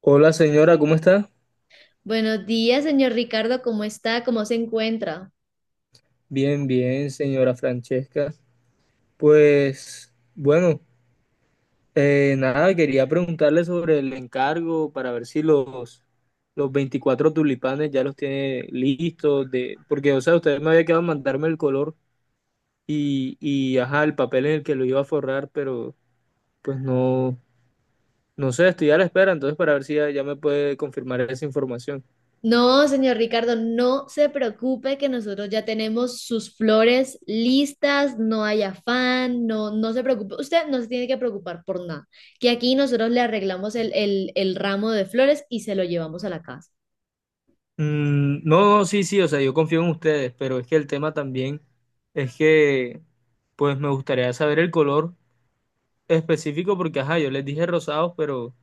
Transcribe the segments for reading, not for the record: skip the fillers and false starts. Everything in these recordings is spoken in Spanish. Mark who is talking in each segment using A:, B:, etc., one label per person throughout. A: Hola señora, ¿cómo está?
B: Buenos días, señor Ricardo, ¿cómo está? ¿Cómo se encuentra?
A: Bien, bien, señora Francesca. Pues bueno, nada, quería preguntarle sobre el encargo para ver si los los 24 tulipanes ya los tiene listos, de, porque, o sea, usted me había quedado en mandarme el color y, ajá, el papel en el que lo iba a forrar, pero pues no, no sé, estoy a la espera, entonces para ver si ya, ya me puede confirmar esa información.
B: No, señor Ricardo, no se preocupe que nosotros ya tenemos sus flores listas, no hay afán, no, no se preocupe, usted no se tiene que preocupar por nada, que aquí nosotros le arreglamos el ramo de flores y se lo llevamos a la casa.
A: Mm, no, no, sí, sí, o sea, yo confío en ustedes, pero es que el tema también es que, pues me gustaría saber el color específico porque, ajá, yo les dije rosados,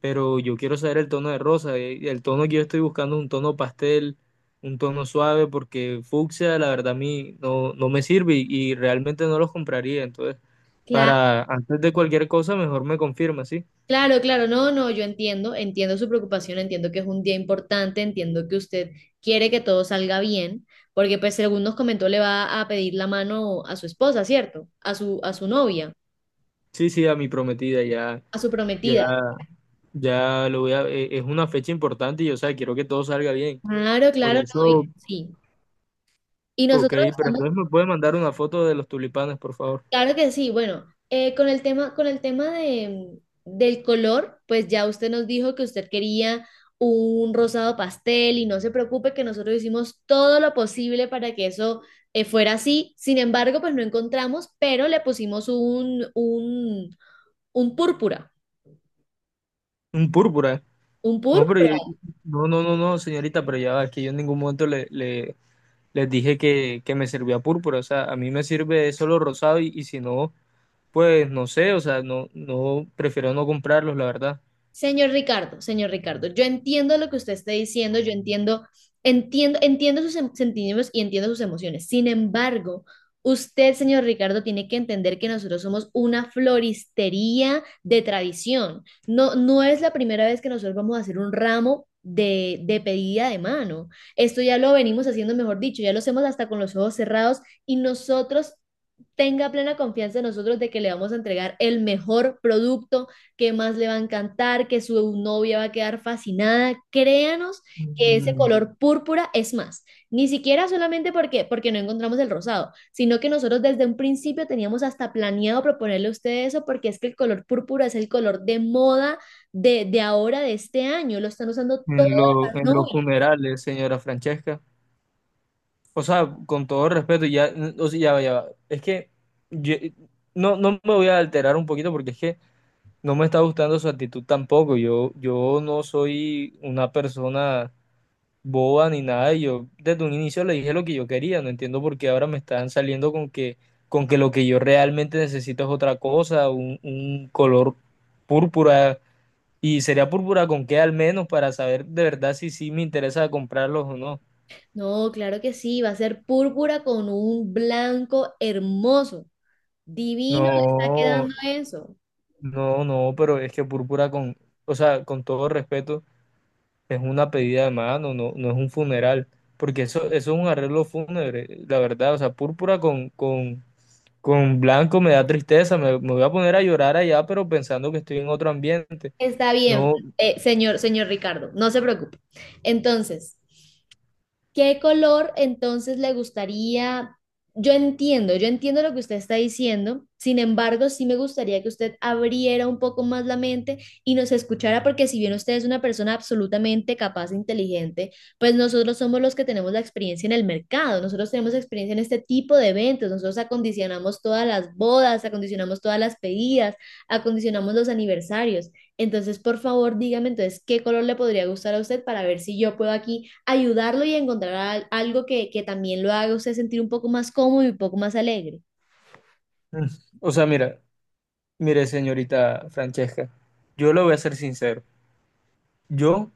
A: pero yo quiero saber el tono de rosa. Y el tono que yo estoy buscando es un tono pastel, un tono suave, porque fucsia, la verdad, a mí no, no me sirve y realmente no los compraría. Entonces,
B: Claro.
A: para antes de cualquier cosa, mejor me confirma, ¿sí?
B: Claro, claro, no, no, yo entiendo, entiendo su preocupación, entiendo que es un día importante, entiendo que usted quiere que todo salga bien, porque pues según nos comentó le va a pedir la mano a su esposa, ¿cierto? A su novia,
A: Sí, sí, a mi prometida ya,
B: a su
A: ya.
B: prometida.
A: Ya lo voy a, e- Es una fecha importante y o sea, quiero que todo salga bien.
B: Claro,
A: Por
B: claro, no,
A: eso,
B: sí. Y
A: ok,
B: nosotros
A: pero
B: estamos.
A: entonces me puede mandar una foto de los tulipanes, por favor.
B: Claro que sí. Bueno, con el tema del color, pues ya usted nos dijo que usted quería un rosado pastel y no se preocupe que nosotros hicimos todo lo posible para que eso fuera así. Sin embargo, pues no encontramos, pero le pusimos un púrpura.
A: Un púrpura.
B: Un
A: No, pero
B: púrpura.
A: yo, no, no, no, no, señorita, pero ya va, es que yo en ningún momento les dije que me servía púrpura. O sea, a mí me sirve solo rosado y si no, pues no sé, o sea, no, no, prefiero no comprarlos, la verdad.
B: Señor Ricardo, yo entiendo lo que usted está diciendo, yo entiendo, entiendo sus sentimientos y entiendo sus emociones. Sin embargo, usted, señor Ricardo, tiene que entender que nosotros somos una floristería de tradición. No, no es la primera vez que nosotros vamos a hacer un ramo de pedida de mano. Esto ya lo venimos haciendo, mejor dicho, ya lo hacemos hasta con los ojos cerrados y nosotros tenga plena confianza en nosotros de que le vamos a entregar el mejor producto qué más le va a encantar, que su novia va a quedar fascinada. Créanos que ese
A: Mm,
B: color púrpura es más, ni siquiera solamente porque no encontramos el rosado, sino que nosotros desde un principio teníamos hasta planeado proponerle a ustedes eso porque es que el color púrpura es el color de moda de ahora, de este año, lo están usando todas
A: En lo,
B: las
A: en los
B: novias.
A: funerales, señora Francesca. O sea, con todo respeto, ya, o sea, ya va, ya va. Es que yo- no, no me voy a alterar un poquito porque es que no me está gustando su actitud tampoco. Yo no soy una persona boba ni nada. Yo desde un inicio le dije lo que yo quería. No entiendo por qué ahora me están saliendo con que lo que yo realmente necesito es otra cosa, un color púrpura. Y sería púrpura con qué al menos para saber de verdad si sí me interesa comprarlos o no.
B: No, claro que sí, va a ser púrpura con un blanco hermoso. Divino le está
A: No.
B: quedando eso.
A: No, no, pero es que púrpura con, o sea, con todo respeto, es una pedida de mano, no, no es un funeral, porque eso es un arreglo fúnebre, la verdad, o sea, púrpura con, con blanco me da tristeza, me voy a poner a llorar allá, pero pensando que estoy en otro ambiente,
B: Está bien,
A: no,
B: señor Ricardo, no se preocupe. Entonces, ¿qué color entonces le gustaría? Yo entiendo lo que usted está diciendo, sin embargo, sí me gustaría que usted abriera un poco más la mente y nos escuchara, porque si bien usted es una persona absolutamente capaz e inteligente, pues nosotros somos los que tenemos la experiencia en el mercado, nosotros tenemos experiencia en este tipo de eventos, nosotros acondicionamos todas las bodas, acondicionamos todas las pedidas, acondicionamos los aniversarios. Entonces, por favor, dígame entonces qué color le podría gustar a usted para ver si yo puedo aquí ayudarlo y encontrar algo que también lo haga a usted sentir un poco más cómodo y un poco más alegre.
A: mm, o sea, mira, mire, señorita Francesca, yo le voy a ser sincero, yo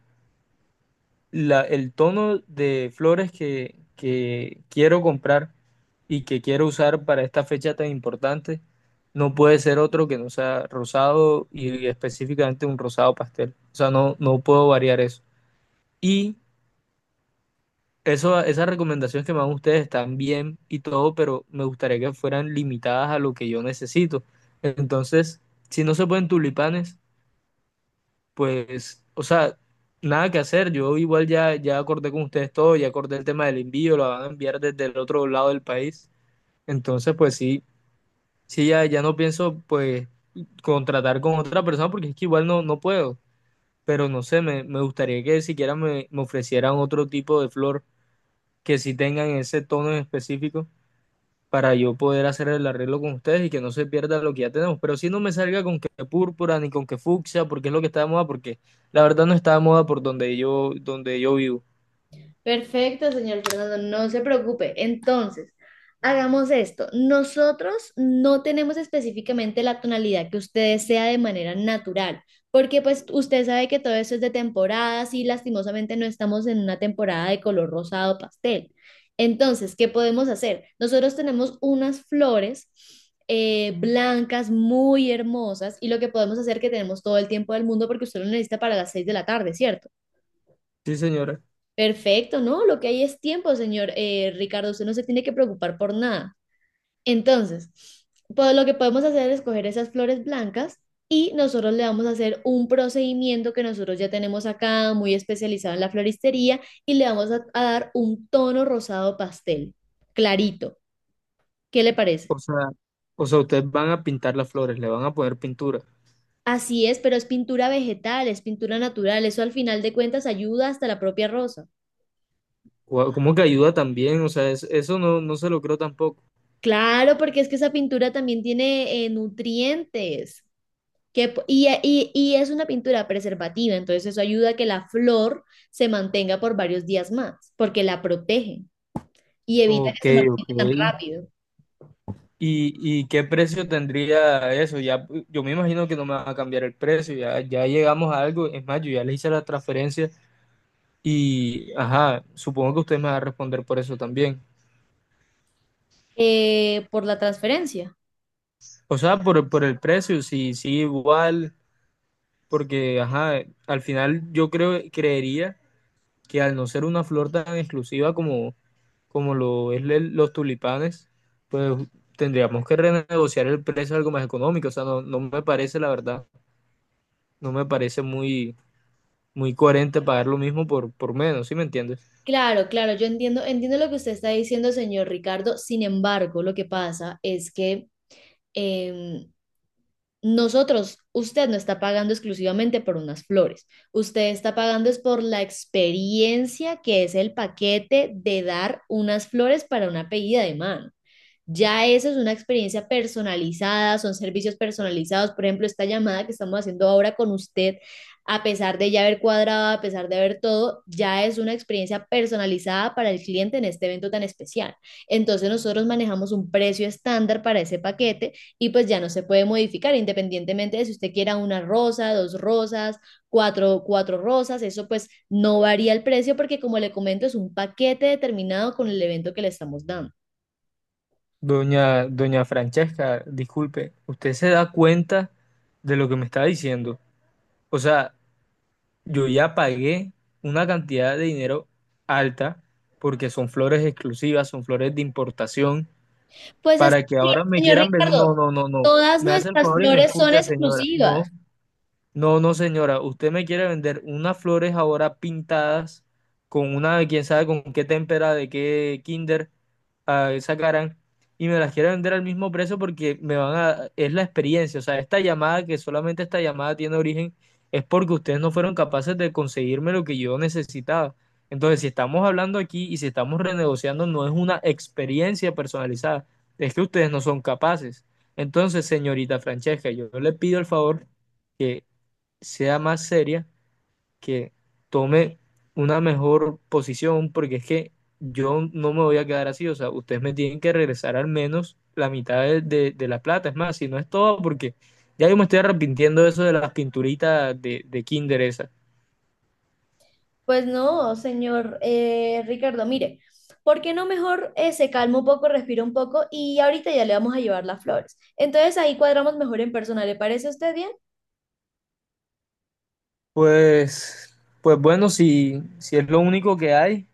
A: el tono de flores que quiero comprar y que quiero usar para esta fecha tan importante no puede ser otro que no sea rosado y específicamente un rosado pastel. O sea, no, no puedo variar eso. Y esas recomendaciones que me dan ustedes están bien y todo, pero me gustaría que fueran limitadas a lo que yo necesito. Entonces, si no se pueden tulipanes, pues, o sea, nada que hacer. Yo igual ya, ya acordé con ustedes todo, ya acordé el tema del envío, lo van a enviar desde el otro lado del país. Entonces, pues sí, sí, ya, ya no pienso, pues, contratar con otra persona porque es que igual no, no puedo. Pero no sé, me gustaría que siquiera me ofrecieran otro tipo de flor que sí tengan ese tono en específico para yo poder hacer el arreglo con ustedes y que no se pierda lo que ya tenemos. Pero si no me salga con que púrpura ni con que fucsia, porque es lo que está de moda, porque la verdad no está de moda por donde yo vivo.
B: Perfecto, señor Fernando, no se preocupe. Entonces, hagamos esto. Nosotros no tenemos específicamente la tonalidad que usted desea de manera natural, porque pues usted sabe que todo eso es de temporadas y lastimosamente no estamos en una temporada de color rosado pastel. Entonces, ¿qué podemos hacer? Nosotros tenemos unas flores blancas muy hermosas y lo que podemos hacer que tenemos todo el tiempo del mundo porque usted lo necesita para las seis de la tarde, ¿cierto?
A: Sí, señora.
B: Perfecto, no, lo que hay es tiempo, señor Ricardo, usted no se tiene que preocupar por nada. Entonces, pues lo que podemos hacer es coger esas flores blancas y nosotros le vamos a hacer un procedimiento que nosotros ya tenemos acá, muy especializado en la floristería, y le vamos a dar un tono rosado pastel, clarito. ¿Qué le parece?
A: O sea, o sea, ustedes van a pintar las flores, le van a poner pintura.
B: Así es, pero es pintura vegetal, es pintura natural, eso al final de cuentas ayuda hasta la propia rosa.
A: Guau, ¿cómo que ayuda también? O sea, eso no, no se lo creo tampoco.
B: Claro, porque es que esa pintura también tiene nutrientes. Que, po- y es una pintura preservativa, entonces eso ayuda a que la flor se mantenga por varios días más, porque la protege y evita que
A: Ok,
B: se
A: ok.
B: marchite tan rápido
A: ¿Y, y qué precio tendría eso? Ya, yo me imagino que no me van a cambiar el precio, ya, ya llegamos a algo. Es más, yo ya le hice la transferencia. Y, ajá, supongo que usted me va a responder por eso también.
B: por la transferencia.
A: O sea, por el precio, sí, sí, igual, porque, ajá, al final yo creería que al no ser una flor tan exclusiva como lo es los tulipanes, pues tendríamos que renegociar el precio algo más económico. O sea, no, no me parece, la verdad, no me parece muy, muy coherente pagar lo mismo por menos, ¿sí me entiendes?
B: Claro, claro, yo entiendo, entiendo lo que usted está diciendo, señor Ricardo. Sin embargo, lo que pasa es que em, nosotros, usted no está pagando exclusivamente por unas flores. Usted está pagando es por la experiencia que es el paquete de dar unas flores para una pedida de mano. Ya eso es una experiencia personalizada, son servicios personalizados. Por ejemplo, esta llamada que estamos haciendo ahora con usted, a pesar de ya haber cuadrado, a pesar de haber todo, ya es una experiencia personalizada para el cliente en este evento tan especial. Entonces nosotros manejamos un precio estándar para ese paquete y pues ya no se puede modificar independientemente de si usted quiera una rosa, dos rosas, cuatro rosas. Eso pues no varía el precio porque como le comento es un paquete determinado con el evento que le estamos dando.
A: Doña Francesca, disculpe, ¿usted se da cuenta de lo que me está diciendo? O sea, yo ya pagué una cantidad de dinero alta porque son flores exclusivas, son flores de importación,
B: Pues es
A: para que
B: que,
A: ahora me
B: señor
A: quieran vender. No,
B: Ricardo,
A: no, no, no.
B: todas
A: Me hace el
B: nuestras
A: favor y me
B: flores son
A: escucha, señora.
B: exclusivas.
A: No, no, no, señora, usted me quiere vender unas flores ahora pintadas con una, quién sabe con qué témpera, de qué kinder ah, sacarán, y me las quiere vender al mismo precio porque me van a, es la experiencia, o sea, esta llamada, que solamente esta llamada tiene origen, es porque ustedes no fueron capaces de conseguirme lo que yo necesitaba. Entonces, si estamos hablando aquí y si estamos renegociando, no es una experiencia personalizada, es que ustedes no son capaces. Entonces, señorita Francesca, yo le pido el favor que sea más seria, que tome una mejor posición, porque es que yo no me voy a quedar así, o sea, ustedes me tienen que regresar al menos la mitad de la plata, es más, si no es todo, porque ya yo me estoy arrepintiendo de eso de las pinturitas de Kinder esas.
B: Pues no, señor Ricardo, mire, ¿por qué no mejor se calma un poco, respira un poco y ahorita ya le vamos a llevar las flores? Entonces ahí cuadramos mejor en persona, ¿le parece a usted bien?
A: Pues bueno, si es lo único que hay,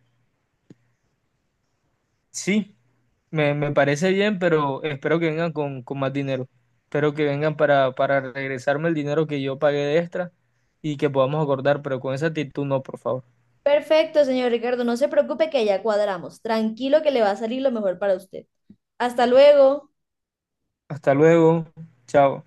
A: sí, me parece bien, pero espero que vengan con más dinero. Espero que vengan para regresarme el dinero que yo pagué de extra y que podamos acordar, pero con esa actitud no, por favor.
B: Perfecto, señor Ricardo, no se preocupe que ya cuadramos. Tranquilo que le va a salir lo mejor para usted. Hasta luego.
A: Hasta luego. Chao.